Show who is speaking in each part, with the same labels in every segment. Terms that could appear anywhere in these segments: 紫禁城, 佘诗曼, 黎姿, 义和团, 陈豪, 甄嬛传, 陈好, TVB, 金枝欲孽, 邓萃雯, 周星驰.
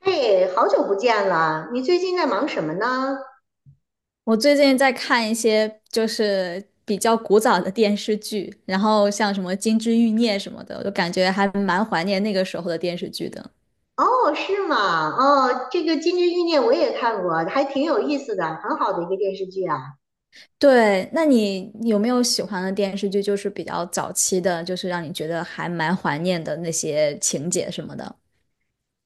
Speaker 1: 哎，好久不见了，你最近在忙什么呢？
Speaker 2: 我最近在看一些就是比较古早的电视剧，然后像什么《金枝欲孽》什么的，我就感觉还蛮怀念那个时候的电视剧的。
Speaker 1: 哦，是吗？哦，这个《金枝欲孽》我也看过，还挺有意思的，很好的一个电视剧啊。
Speaker 2: 对，那你有没有喜欢的电视剧，就是比较早期的，就是让你觉得还蛮怀念的那些情节什么的？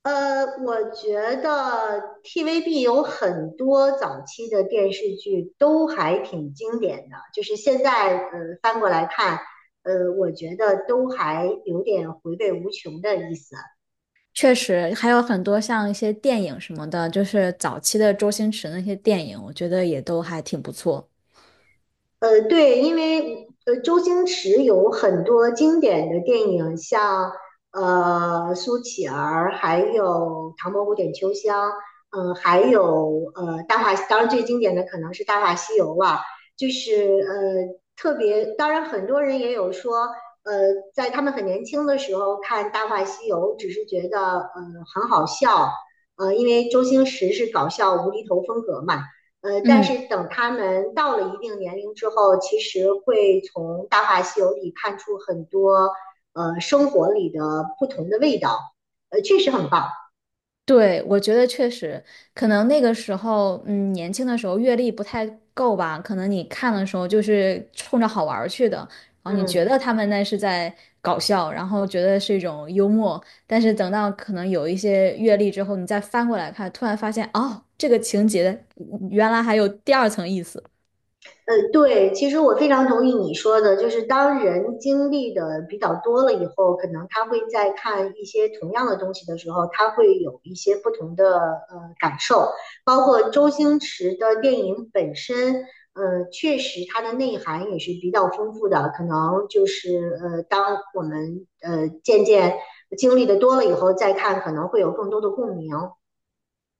Speaker 1: 我觉得 TVB 有很多早期的电视剧都还挺经典的，就是现在翻过来看，我觉得都还有点回味无穷的意思。
Speaker 2: 确实，还有很多像一些电影什么的，就是早期的周星驰那些电影，我觉得也都还挺不错。
Speaker 1: 对，因为周星驰有很多经典的电影，像呃《苏乞儿》，还有《唐伯虎点秋香》，还有《大话》，当然最经典的可能是《大话西游》了。就是特别，当然很多人也有说，呃，在他们很年轻的时候看《大话西游》，只是觉得很好笑，因为周星驰是搞笑无厘头风格嘛。但
Speaker 2: 嗯。
Speaker 1: 是等他们到了一定年龄之后，其实会从《大话西游》里看出很多生活里的不同的味道，确实很棒。
Speaker 2: 对，我觉得确实，可能那个时候，嗯，年轻的时候阅历不太够吧，可能你看的时候
Speaker 1: 嗯
Speaker 2: 就是冲着好玩儿去的，然后你觉
Speaker 1: 嗯。
Speaker 2: 得他们那是在搞笑，然后觉得是一种幽默，但是等到可能有一些阅历之后，你再翻过来看，突然发现，哦，这个情节原来还有第二层意思。
Speaker 1: 对，其实我非常同意你说的，就是当人经历的比较多了以后，可能他会在看一些同样的东西的时候，他会有一些不同的感受，包括周星驰的电影本身，确实它的内涵也是比较丰富的，可能就是当我们渐渐经历的多了以后再看，可能会有更多的共鸣。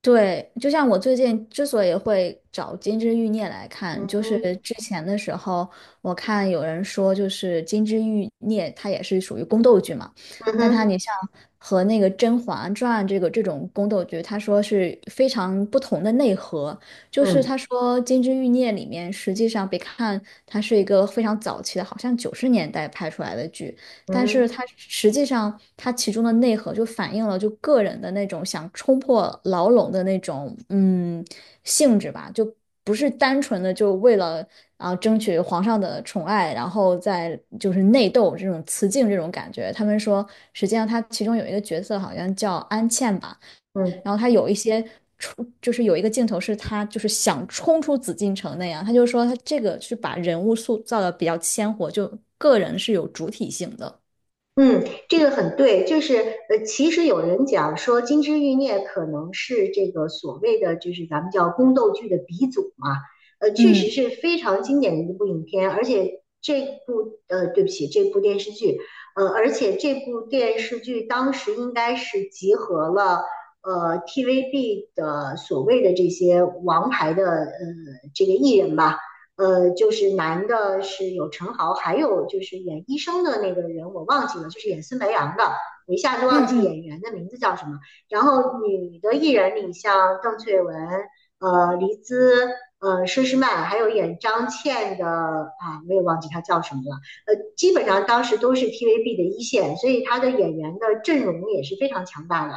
Speaker 2: 对，就像我最近之所以会找《金枝欲孽》来看，
Speaker 1: 嗯
Speaker 2: 就是
Speaker 1: 哼，
Speaker 2: 之前的时候，我看有人说，就是《金枝欲孽》它也是属于宫斗剧嘛，
Speaker 1: 嗯
Speaker 2: 但它你
Speaker 1: 哼，
Speaker 2: 像和那个《甄嬛传》这个这种宫斗剧，他说是非常不同的内核。就是
Speaker 1: 嗯，
Speaker 2: 他说《金枝欲孽》里面，实际上别看它是一个非常早期的，好像九十年代拍出来的剧，
Speaker 1: 嗯
Speaker 2: 但是
Speaker 1: 哼，
Speaker 2: 它实际上它其中的内核就反映了就个人的那种想冲破牢笼的那种性质吧，就不是单纯的就为了啊争取皇上的宠爱，然后再就是内斗这种雌竞这种感觉。他们说，实际上他其中有一个角色好像叫安茜吧，
Speaker 1: 嗯。
Speaker 2: 然后他有一些。冲就是有一个镜头是他就是想冲出紫禁城那样，他就说他这个是把人物塑造的比较鲜活，就个人是有主体性的。
Speaker 1: 嗯，这个很对，就是其实有人讲说《金枝欲孽》可能是这个所谓的就是咱们叫宫斗剧的鼻祖嘛，确实
Speaker 2: 嗯
Speaker 1: 是非常经典的一部影片，而且这部对不起，这部电视剧，而且这部电视剧当时应该是集合了 TVB 的所谓的这些王牌的这个艺人吧，就是男的是有陈豪，还有就是演医生的那个人我忘记了，就是演孙白杨的，我一下子
Speaker 2: 嗯
Speaker 1: 忘记
Speaker 2: 嗯，
Speaker 1: 演员的名字叫什么。然后女的艺人里，像邓萃雯、黎姿、佘诗曼，还有演张倩的啊，我也忘记她叫什么了。基本上当时都是 TVB 的一线，所以她的演员的阵容也是非常强大的。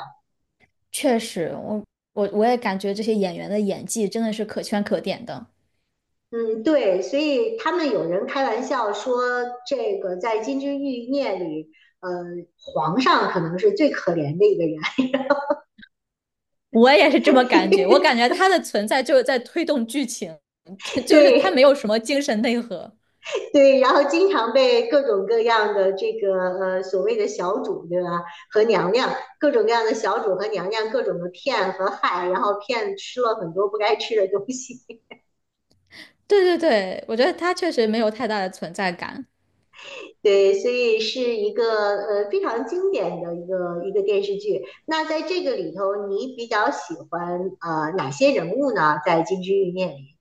Speaker 2: 确实，我也感觉这些演员的演技真的是可圈可点的。
Speaker 1: 嗯，对，所以他们有人开玩笑说，这个在《金枝玉孽》里，呃，皇上可能是最可怜的一个人，
Speaker 2: 我也是这么感觉，我感觉他的存在就是在推动剧情，就是他
Speaker 1: 对
Speaker 2: 没有什么精神内核。
Speaker 1: 对，然后经常被各种各样的这个所谓的小主，对吧？和娘娘各种各样的小主和娘娘各种的骗和害，然后骗吃了很多不该吃的东西。
Speaker 2: 对对对，我觉得他确实没有太大的存在感。
Speaker 1: 对，所以是一个非常经典的一个电视剧。那在这个里头，你比较喜欢哪些人物呢？在《金枝欲孽》里，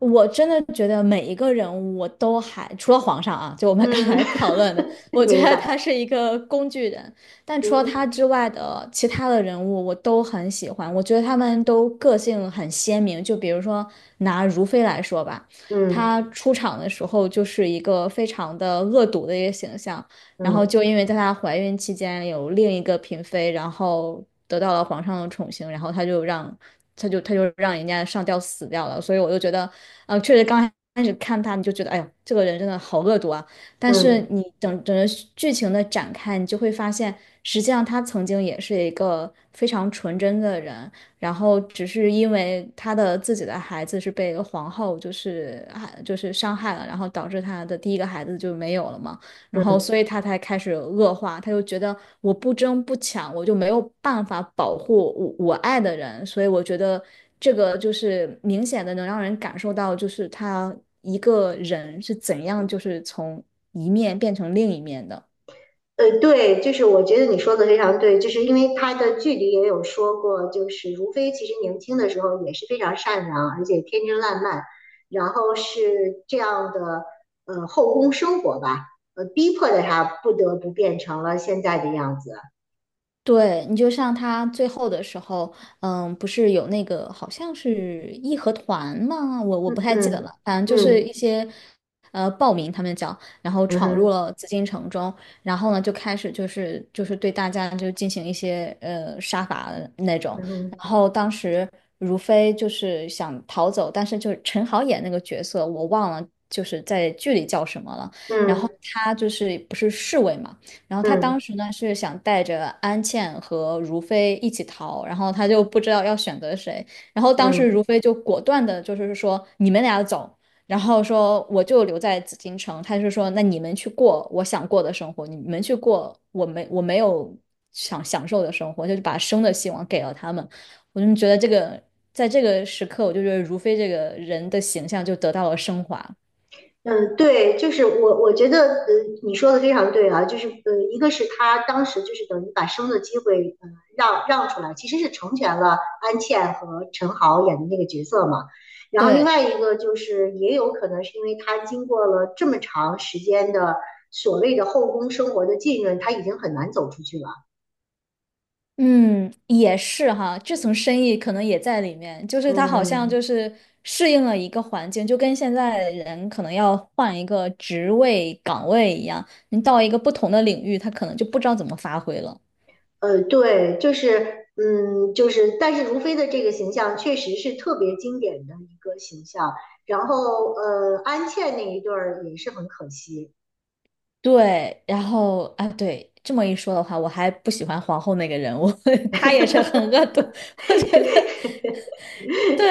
Speaker 2: 我真的觉得每一个人物我都还，除了皇上啊，就我们刚
Speaker 1: 嗯，
Speaker 2: 才 讨论的，我 觉
Speaker 1: 明
Speaker 2: 得
Speaker 1: 白，
Speaker 2: 他是一个工具人。但除了
Speaker 1: 嗯
Speaker 2: 他之外的其他的人物，我都很喜欢。我觉得他们都个性很鲜明。就比如说拿如妃来说吧，
Speaker 1: 嗯
Speaker 2: 她出场的时候就是一个非常的恶毒的一个形象，然后
Speaker 1: 嗯
Speaker 2: 就因为在她怀孕期间有另一个嫔妃，然后得到了皇上的宠幸，然后她就让他就让人家上吊死掉了。所以我就觉得，确实刚开始看他，你就觉得，哎呦，这个人真的好恶毒啊。但是
Speaker 1: 嗯
Speaker 2: 你整个剧情的展开，你就会发现，实际上他曾经也是一个非常纯真的人，然后只是因为他的自己的孩子是被皇后就是啊就是伤害了，然后导致他的第一个孩子就没有了嘛。然后
Speaker 1: 嗯
Speaker 2: 所以他才开始恶化，他就觉得我不争不抢，我就没有办法保护我爱的人，所以我觉得这个就是明显的能让人感受到，就是他一个人是怎样就是从一面变成另一面的。
Speaker 1: 对，就是我觉得你说的非常对，就是因为他的剧里也有说过，就是如妃其实年轻的时候也是非常善良，而且天真烂漫，然后是这样的后宫生活吧，逼迫着她不得不变成了现在的样子。
Speaker 2: 对，你就像他最后的时候，嗯，不是有那个好像是义和团吗？我
Speaker 1: 嗯
Speaker 2: 不太记得了，
Speaker 1: 嗯
Speaker 2: 反正就是
Speaker 1: 嗯
Speaker 2: 一些暴民他们讲，然后
Speaker 1: 嗯
Speaker 2: 闯入
Speaker 1: 哼
Speaker 2: 了紫禁城中，然后呢就开始就是对大家就进行一些杀伐的那种，
Speaker 1: 嗯
Speaker 2: 然
Speaker 1: 哼
Speaker 2: 后当时如妃就是想逃走，但是就是陈好演那个角色我忘了就是在剧里叫什么了，
Speaker 1: 嗯
Speaker 2: 然后
Speaker 1: 嗯
Speaker 2: 他就是不是侍卫嘛。然后他当
Speaker 1: 嗯。
Speaker 2: 时呢是想带着安茜和如妃一起逃，然后他就不知道要选择谁。然后当时
Speaker 1: 嗯
Speaker 2: 如妃就果断的，就是说你们俩走，然后说我就留在紫禁城。他就说那你们去过我想过的生活，你们去过我没有想享受的生活，就是把生的希望给了他们。我就觉得这个在这个时刻，我就觉得如妃这个人的形象就得到了升华。
Speaker 1: 嗯，对，我觉得，你说的非常对啊，就是，一个是他当时就是等于把生的机会，让出来，其实是成全了安茜和陈豪演的那个角色嘛。然后另
Speaker 2: 对，
Speaker 1: 外一个就是，也有可能是因为他经过了这么长时间的所谓的后宫生活的浸润，他已经很难走出去了。
Speaker 2: 嗯，也是哈，这层深意可能也在里面，就是他好像
Speaker 1: 嗯。
Speaker 2: 就是适应了一个环境，就跟现在人可能要换一个职位岗位一样，你到一个不同的领域，他可能就不知道怎么发挥了。
Speaker 1: 对，就是，但是如飞的这个形象确实是特别经典的一个形象。然后，安茜那一对儿也是很可惜，
Speaker 2: 对，然后啊，对，这么一说的话，我还不喜欢皇后那个人物，她也是很恶 毒，我觉得。对，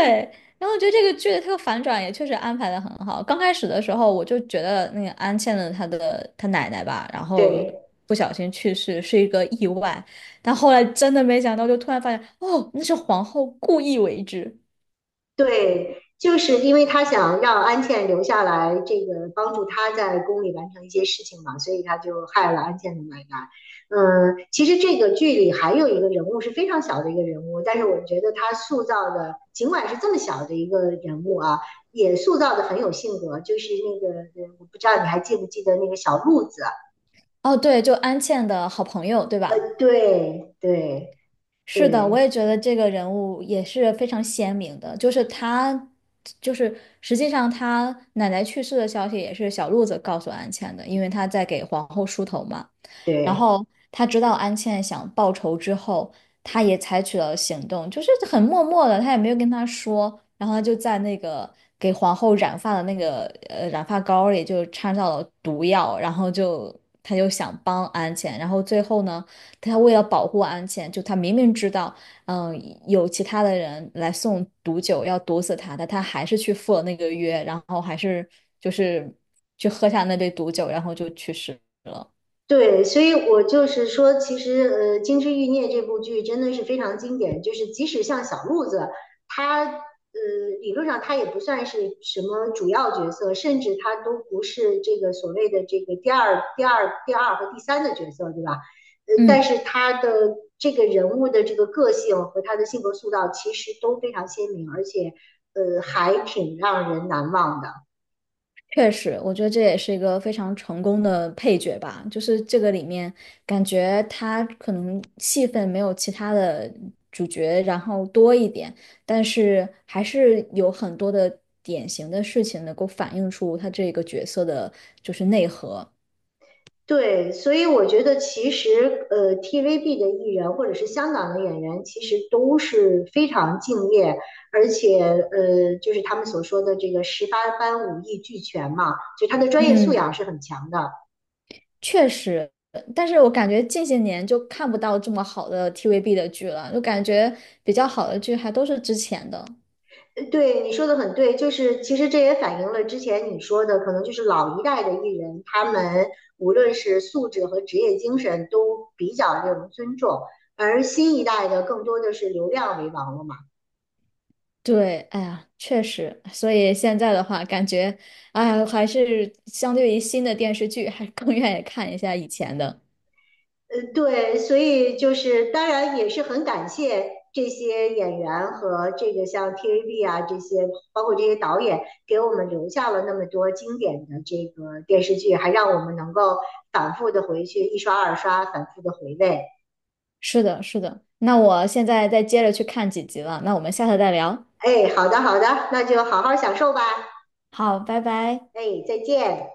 Speaker 2: 然后我觉得这个剧的这个反转也确实安排的很好。刚开始的时候，我就觉得那个安茜的她奶奶吧，然后
Speaker 1: 对。
Speaker 2: 不小心去世是一个意外，但后来真的没想到，就突然发现哦，那是皇后故意为之。
Speaker 1: 对，就是因为他想让安茜留下来，这个帮助他在宫里完成一些事情嘛，所以他就害了安茜的奶奶。嗯，其实这个剧里还有一个人物是非常小的一个人物，但是我觉得他塑造的，尽管是这么小的一个人物啊，也塑造的很有性格。就是那个，我不知道你还记不记得那个小鹿子啊？
Speaker 2: 哦，对，就安茜的好朋友，对吧？
Speaker 1: 呃，对对
Speaker 2: 是的，我
Speaker 1: 对
Speaker 2: 也觉得这个人物也是非常鲜明的，就是他，就是实际上他奶奶去世的消息也是小鹿子告诉安茜的，因为他在给皇后梳头嘛。然
Speaker 1: 对。
Speaker 2: 后他知道安茜想报仇之后，他也采取了行动，就是很默默的，他也没有跟他说，然后他就在那个给皇后染发的那个染发膏里就掺到了毒药，然后就他就想帮安茜，然后最后呢。他为了保护安茜，就他明明知道，嗯、有其他的人来送毒酒要毒死他但他还是去赴了那个约，然后还是就是去喝下那杯毒酒，然后就去世。
Speaker 1: 对，所以我就是说，其实《金枝欲孽》这部剧真的是非常经典。就是即使像小鹿子，他理论上他也不算是什么主要角色，甚至他都不是这个所谓的这个第二和第三的角色，对吧？但
Speaker 2: 嗯。
Speaker 1: 是他的这个人物的这个个性和他的性格塑造其实都非常鲜明，而且还挺让人难忘的。
Speaker 2: 确实，我觉得这也是一个非常成功的配角吧。就是这个里面，感觉他可能戏份没有其他的主角然后多一点，但是还是有很多的典型的事情能够反映出他这个角色的就是内核。
Speaker 1: 对，所以我觉得其实，TVB 的艺人或者是香港的演员，其实都是非常敬业，而且，就是他们所说的这个十八般武艺俱全嘛，就他的专业素
Speaker 2: 嗯，
Speaker 1: 养是很强的。
Speaker 2: 确实，但是我感觉近些年就看不到这么好的 TVB 的剧了，就感觉比较好的剧还都是之前的。
Speaker 1: 对，你说的很对，就是其实这也反映了之前你说的，可能就是老一代的艺人，他们无论是素质和职业精神都比较令人尊重，而新一代的更多的是流量为王了嘛。
Speaker 2: 对，哎呀，确实，所以现在的话，感觉，哎呀，还是相对于新的电视剧，还更愿意看一下以前的。
Speaker 1: 对，所以就是当然也是很感谢这些演员和这个像 TVB 啊这些，包括这些导演给我们留下了那么多经典的这个电视剧，还让我们能够反复的回去一刷二刷，反复的回味。
Speaker 2: 是的，是的。那我现在再接着去看几集了，那我们下次再聊。
Speaker 1: 哎，好的好的，那就好好享受吧。
Speaker 2: 好，拜拜。
Speaker 1: 哎，再见。